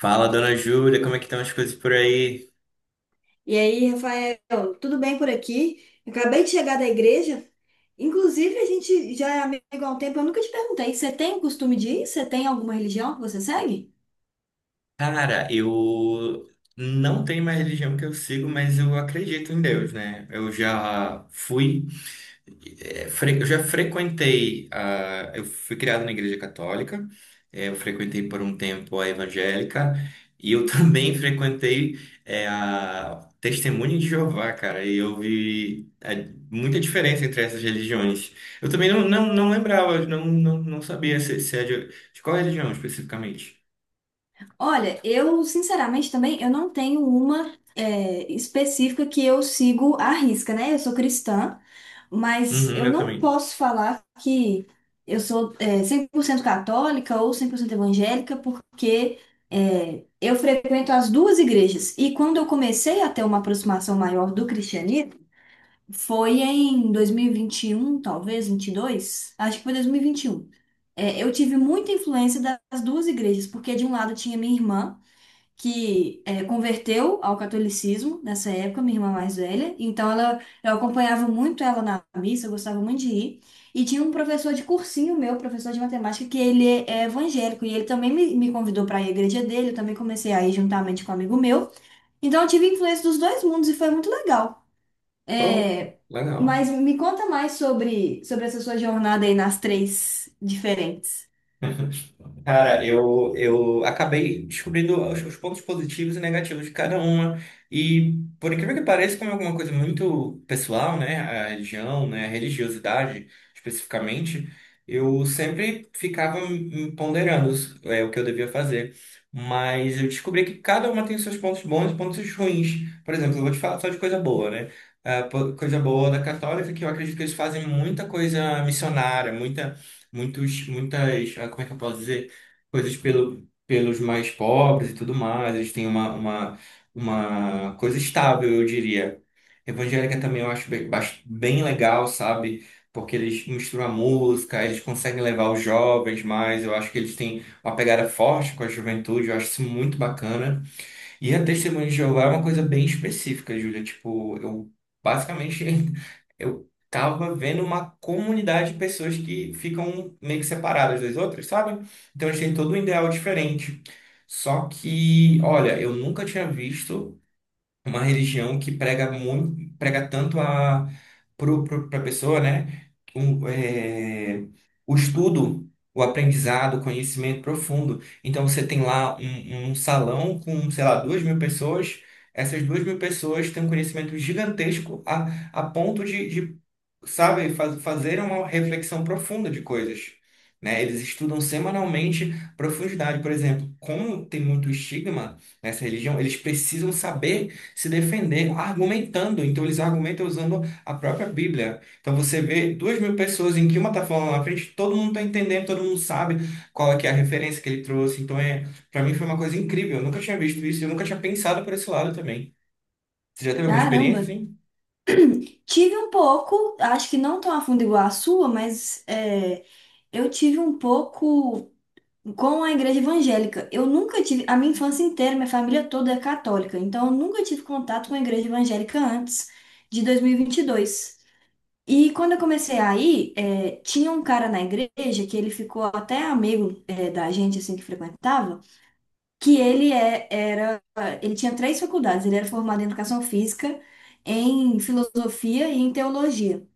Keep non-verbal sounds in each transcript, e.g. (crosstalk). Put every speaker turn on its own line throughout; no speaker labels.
Fala, dona Júlia, como é que estão as coisas por aí?
E aí, Rafael, tudo bem por aqui? Eu Acabei de chegar da igreja. Inclusive, a gente já é amigo há um tempo. Eu nunca te perguntei, você tem o costume de ir? Você tem alguma religião que você segue?
Cara, eu não tenho mais religião que eu sigo, mas eu acredito em Deus, né? Eu já fui é, fre- eu já frequentei a, Eu fui criado na igreja católica. Eu frequentei por um tempo a evangélica e eu (laughs) também frequentei a Testemunha de Jeová, cara. E eu vi muita diferença entre essas religiões. Eu também não lembrava, não sabia se é de qual religião especificamente.
Olha, eu sinceramente também eu não tenho uma específica que eu sigo à risca, né? Eu sou cristã, mas
Uhum,
eu
eu
não
também.
posso falar que eu sou 100% católica ou 100% evangélica, porque eu frequento as duas igrejas. E quando eu comecei a ter uma aproximação maior do cristianismo, foi em dois mil e vinte e um, talvez 22. Acho que foi 2021. É, eu tive muita influência das duas igrejas, porque de um lado tinha minha irmã que converteu ao catolicismo nessa época, minha irmã mais velha. Então ela, eu acompanhava muito ela na missa, eu gostava muito de ir. E tinha um professor de cursinho meu, professor de matemática, que ele é evangélico e ele também me convidou para ir à igreja dele. Eu também comecei a ir juntamente com um amigo meu. Então eu tive influência dos dois mundos e foi muito legal.
Oh,
É,
legal.
mas me conta mais sobre essa sua jornada aí nas três diferentes.
Cara, eu acabei descobrindo os pontos positivos e negativos de cada uma. E, por incrível que pareça, como é alguma coisa muito pessoal, né? A religião, né? A religiosidade, especificamente, eu sempre ficava me ponderando o que eu devia fazer. Mas eu descobri que cada uma tem seus pontos bons e pontos ruins. Por exemplo, eu vou te falar só de coisa boa, né? Coisa boa da católica é que eu acredito que eles fazem muita coisa missionária, muita, muitos, muitas, como é que eu posso dizer? Coisas pelos mais pobres e tudo mais. Eles têm uma coisa estável, eu diria. Evangélica também eu acho bem legal, sabe? Porque eles misturam a música, eles conseguem levar os jovens mais. Eu acho que eles têm uma pegada forte com a juventude, eu acho isso muito bacana. E a Testemunha de Jeová é uma coisa bem específica, Júlia. Tipo, eu basicamente (laughs) eu tava vendo uma comunidade de pessoas que ficam meio que separadas das outras, sabe? Então eles têm todo um ideal diferente. Só que, olha, eu nunca tinha visto uma religião que prega muito, prega tanto a para a pessoa, né? Um, é, o estudo, o aprendizado, o conhecimento profundo. Então você tem lá um salão com, sei lá, 2.000 pessoas. Essas 2.000 pessoas têm um conhecimento gigantesco a ponto de sabe, fazer uma reflexão profunda de coisas, né? Eles estudam semanalmente profundidade, por exemplo, como tem muito estigma nessa religião, eles precisam saber se defender argumentando, então eles argumentam usando a própria Bíblia. Então você vê 2.000 pessoas em que uma tá falando lá na frente, todo mundo tá entendendo, todo mundo sabe qual é que é a referência que ele trouxe. Então para mim foi uma coisa incrível, eu nunca tinha visto isso, eu nunca tinha pensado por esse lado também. Você já teve alguma
Caramba,
experiência, assim?
tive um pouco, acho que não tão a fundo igual a sua, mas é, eu tive um pouco com a igreja evangélica. Eu nunca tive, a minha infância inteira, minha família toda é católica, então eu nunca tive contato com a igreja evangélica antes de 2022. E vinte e dois. E quando eu comecei a ir, é, tinha um cara na igreja que ele ficou até amigo da gente assim que frequentava, que ele era, ele tinha três faculdades, ele era formado em educação física, em filosofia e em teologia.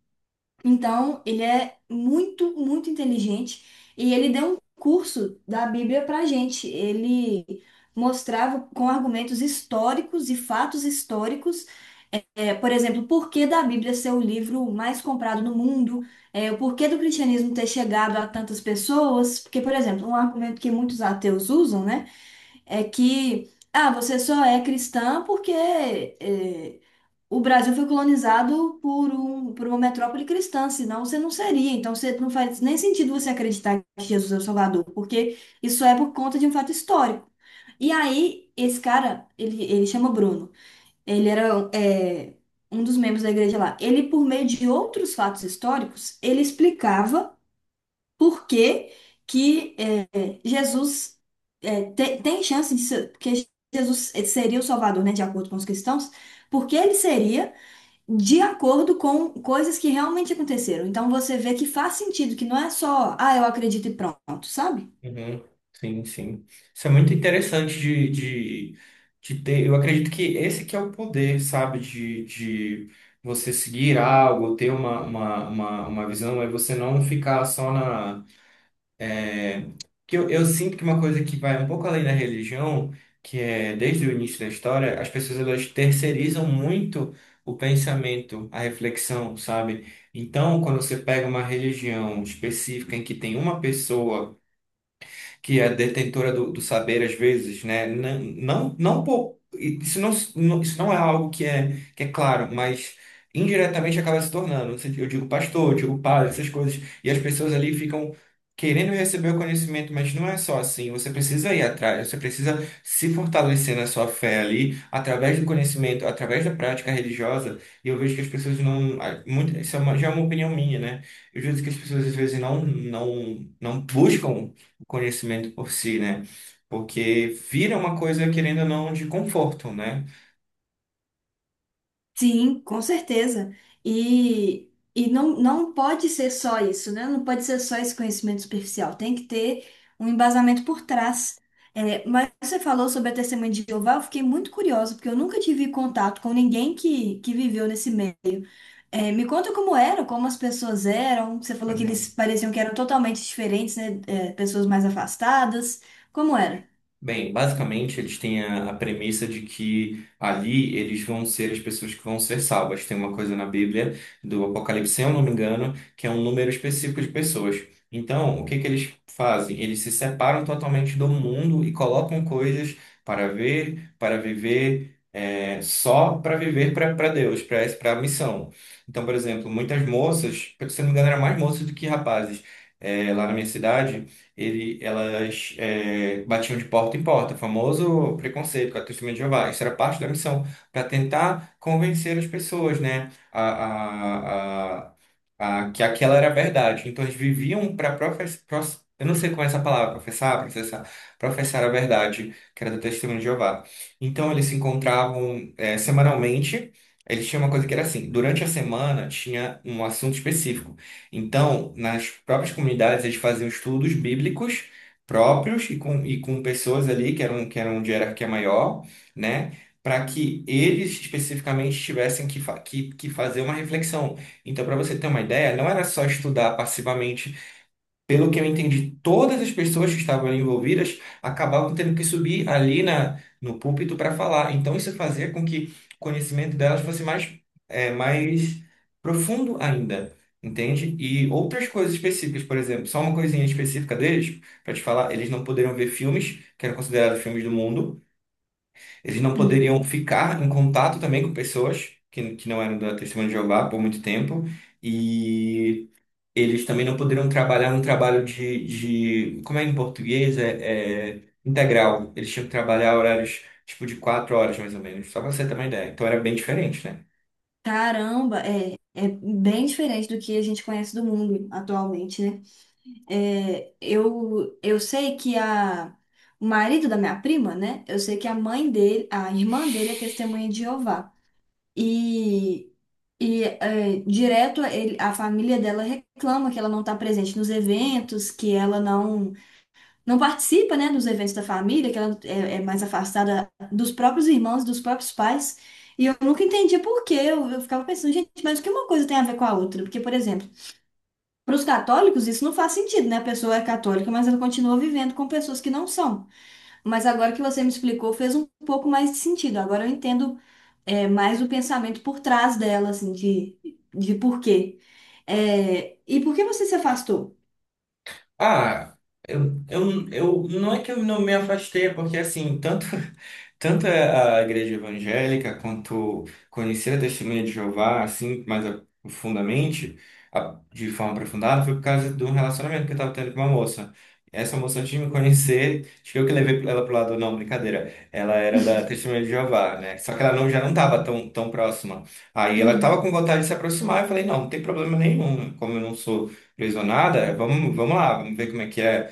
Então, ele é muito inteligente e ele deu um curso da Bíblia para gente. Ele mostrava com argumentos históricos e fatos históricos, é, por exemplo, o porquê da Bíblia ser o livro mais comprado no mundo, é, o porquê do cristianismo ter chegado a tantas pessoas. Porque, por exemplo, um argumento que muitos ateus usam, né? É que ah, você só é cristã porque eh, o Brasil foi colonizado por uma metrópole cristã, senão você não seria. Então você não faz nem sentido você acreditar que Jesus é o Salvador, porque isso é por conta de um fato histórico. E aí, esse cara, ele chama Bruno. Ele era um dos membros da igreja lá. Ele, por meio de outros fatos históricos, ele explicava por que Jesus tem chance de ser, porque Jesus seria o Salvador, né, de acordo com os cristãos, porque ele seria de acordo com coisas que realmente aconteceram. Então você vê que faz sentido, que não é só, ah, eu acredito e pronto, sabe?
Uhum, sim, sim. Isso é muito interessante de ter. Eu acredito que esse que é o poder, sabe? De você seguir algo, ter uma visão, é você não ficar só na. É... Que eu sinto que uma coisa que vai um pouco além da religião, que é desde o início da história, as pessoas elas terceirizam muito o pensamento, a reflexão, sabe? Então, quando você pega uma religião específica em que tem uma pessoa que é detentora do saber às vezes, né? Não, isso não é algo que é claro, mas indiretamente acaba se tornando. No sentido, eu digo pastor, eu digo padre, essas coisas, e as pessoas ali ficam querendo receber o conhecimento, mas não é só assim. Você precisa ir atrás, você precisa se fortalecer na sua fé ali, através do conhecimento, através da prática religiosa. E eu vejo que as pessoas não, ah, muito, isso é uma, já é uma opinião minha, né? Eu vejo que as pessoas às vezes não buscam o conhecimento por si, né? Porque vira uma coisa, querendo ou não, de conforto, né?
Sim, com certeza. E não, não pode ser só isso, né? Não pode ser só esse conhecimento superficial. Tem que ter um embasamento por trás. É, mas você falou sobre a testemunha de Jeová, eu fiquei muito curiosa, porque eu nunca tive contato com ninguém que viveu nesse meio. É, me conta como era, como as pessoas eram. Você falou que eles
Uhum.
pareciam que eram totalmente diferentes, né? É, pessoas mais afastadas. Como era?
Bem, basicamente eles têm a premissa de que ali eles vão ser as pessoas que vão ser salvas. Tem uma coisa na Bíblia do Apocalipse, se eu não me engano, que é um número específico de pessoas. Então, o que que eles fazem? Eles se separam totalmente do mundo e colocam coisas para ver, para viver, só para viver para Deus, para a missão. Então, por exemplo, muitas moças, se eu não me engano, eram mais moças do que rapazes. É, lá na minha cidade elas batiam de porta em porta, o famoso preconceito com a Testemunha de Jeová. Isso era parte da missão, para tentar convencer as pessoas, né, que aquela era a verdade. Então eles viviam para professar, eu não sei como é essa palavra, professar, processar, professar a verdade, que era do testemunho de Jeová. Então eles se encontravam semanalmente. Eles tinham uma coisa que era assim, durante a semana tinha um assunto específico. Então, nas próprias comunidades, eles faziam estudos bíblicos próprios e com pessoas ali que eram de hierarquia maior, né? Para que eles especificamente tivessem que fazer uma reflexão. Então, para você ter uma ideia, não era só estudar passivamente, pelo que eu entendi, todas as pessoas que estavam ali envolvidas acabavam tendo que subir ali no púlpito para falar. Então, isso fazia com que o conhecimento delas fosse mais profundo ainda, entende? E outras coisas específicas, por exemplo, só uma coisinha específica deles, para te falar, eles não poderiam ver filmes que eram considerados filmes do mundo, eles não
Uhum.
poderiam ficar em contato também com pessoas que não eram da Testemunha de Jeová por muito tempo. E eles também não poderiam trabalhar um trabalho de, como é em português, é integral. Eles tinham que trabalhar horários tipo de 4 horas, mais ou menos, só para você ter uma ideia. Então era bem diferente, né?
Caramba, é, é bem diferente do que a gente conhece do mundo atualmente, né? É, eu sei que a, o marido da minha prima, né? Eu sei que a mãe dele, a irmã dele é testemunha de Jeová. E, e é, direto a família dela reclama que ela não está presente nos eventos, que ela não, não participa, né, dos eventos da família, que ela é mais afastada dos próprios irmãos, dos próprios pais. E eu nunca entendi por quê. Eu ficava pensando, gente, mas o que uma coisa tem a ver com a outra? Porque, por exemplo, para os católicos, isso não faz sentido, né? A pessoa é católica, mas ela continua vivendo com pessoas que não são. Mas agora que você me explicou, fez um pouco mais de sentido. Agora eu entendo, é, mais o pensamento por trás dela, assim, de porquê. É, e por que você se afastou?
Ah, eu não é que eu não me afastei, é porque assim, tanto (laughs) tanto é a igreja evangélica quanto conhecer a Testemunha de Jeová, assim, mais profundamente, de forma aprofundada, foi por causa de um relacionamento que eu estava tendo com uma moça. Essa moça antes de me conhecer, acho que eu que levei ela pro lado, não, brincadeira. Ela era da Testemunha de Jeová, né? Só que ela não, já não estava tão, tão próxima. Aí ela estava
Uhum,
com vontade de se aproximar, eu falei, não, não tem problema nenhum, como eu não sou lesionada, vamos lá, vamos ver como é, que- é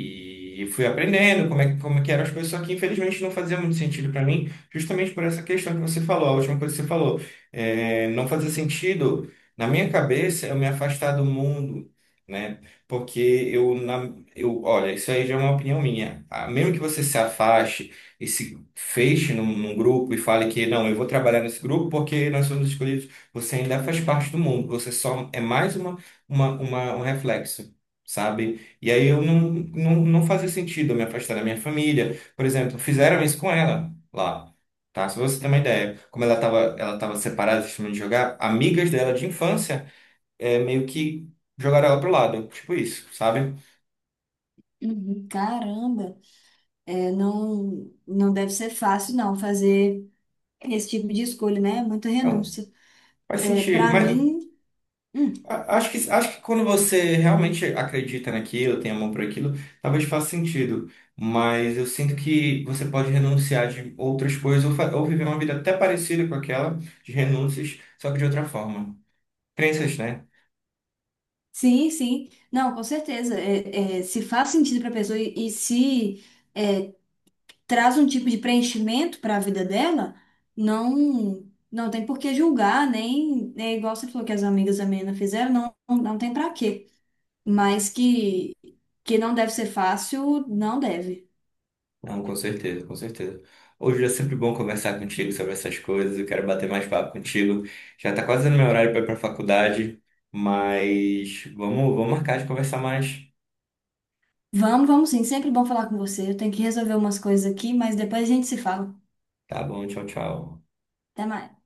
e fui aprendendo como é, como é que eram as coisas, só que infelizmente não fazia muito sentido para mim, justamente por essa questão que você falou, a última coisa que você falou. É, não fazia sentido, na minha cabeça, eu me afastar do mundo, né? Porque olha, isso aí já é uma opinião minha. Ah, mesmo que você se afaste e se feche num grupo e fale que não, eu vou trabalhar nesse grupo porque nós somos escolhidos, você ainda faz parte do mundo, você só é mais um reflexo, sabe? E aí eu não fazia sentido eu me afastar da minha família. Por exemplo, fizeram isso com ela lá, tá? Se você tem uma ideia, como ela tava separada do time de jogar, amigas dela de infância meio que jogaram ela pro lado, tipo isso, sabe?
uhum. Caramba, é, não, não deve ser fácil, não, fazer esse tipo de escolha, né? Muita
Então,
renúncia.
faz
É,
sentido,
para
mas
mim. Hum.
acho que quando você realmente acredita naquilo, tem amor por aquilo, talvez faça sentido. Mas eu sinto que você pode renunciar de outras coisas ou, ou viver uma vida até parecida com aquela, de renúncias, só que de outra forma. Crenças, né?
Sim, sim. Não, com certeza. Se faz sentido para a pessoa e se é, traz um tipo de preenchimento para a vida dela, não não tem por que julgar, nem é igual você falou que as amigas da menina fizeram, não, não, não tem para quê. Mas que, que não deve ser fácil, não deve.
Não, com certeza, com certeza. Hoje é sempre bom conversar contigo sobre essas coisas. Eu quero bater mais papo contigo. Já tá quase no meu horário para ir pra faculdade, mas vamos marcar de conversar mais.
Vamos, vamos sim. Sempre bom falar com você. Eu tenho que resolver umas coisas aqui, mas depois a gente se fala.
Tá bom, tchau, tchau.
Até mais.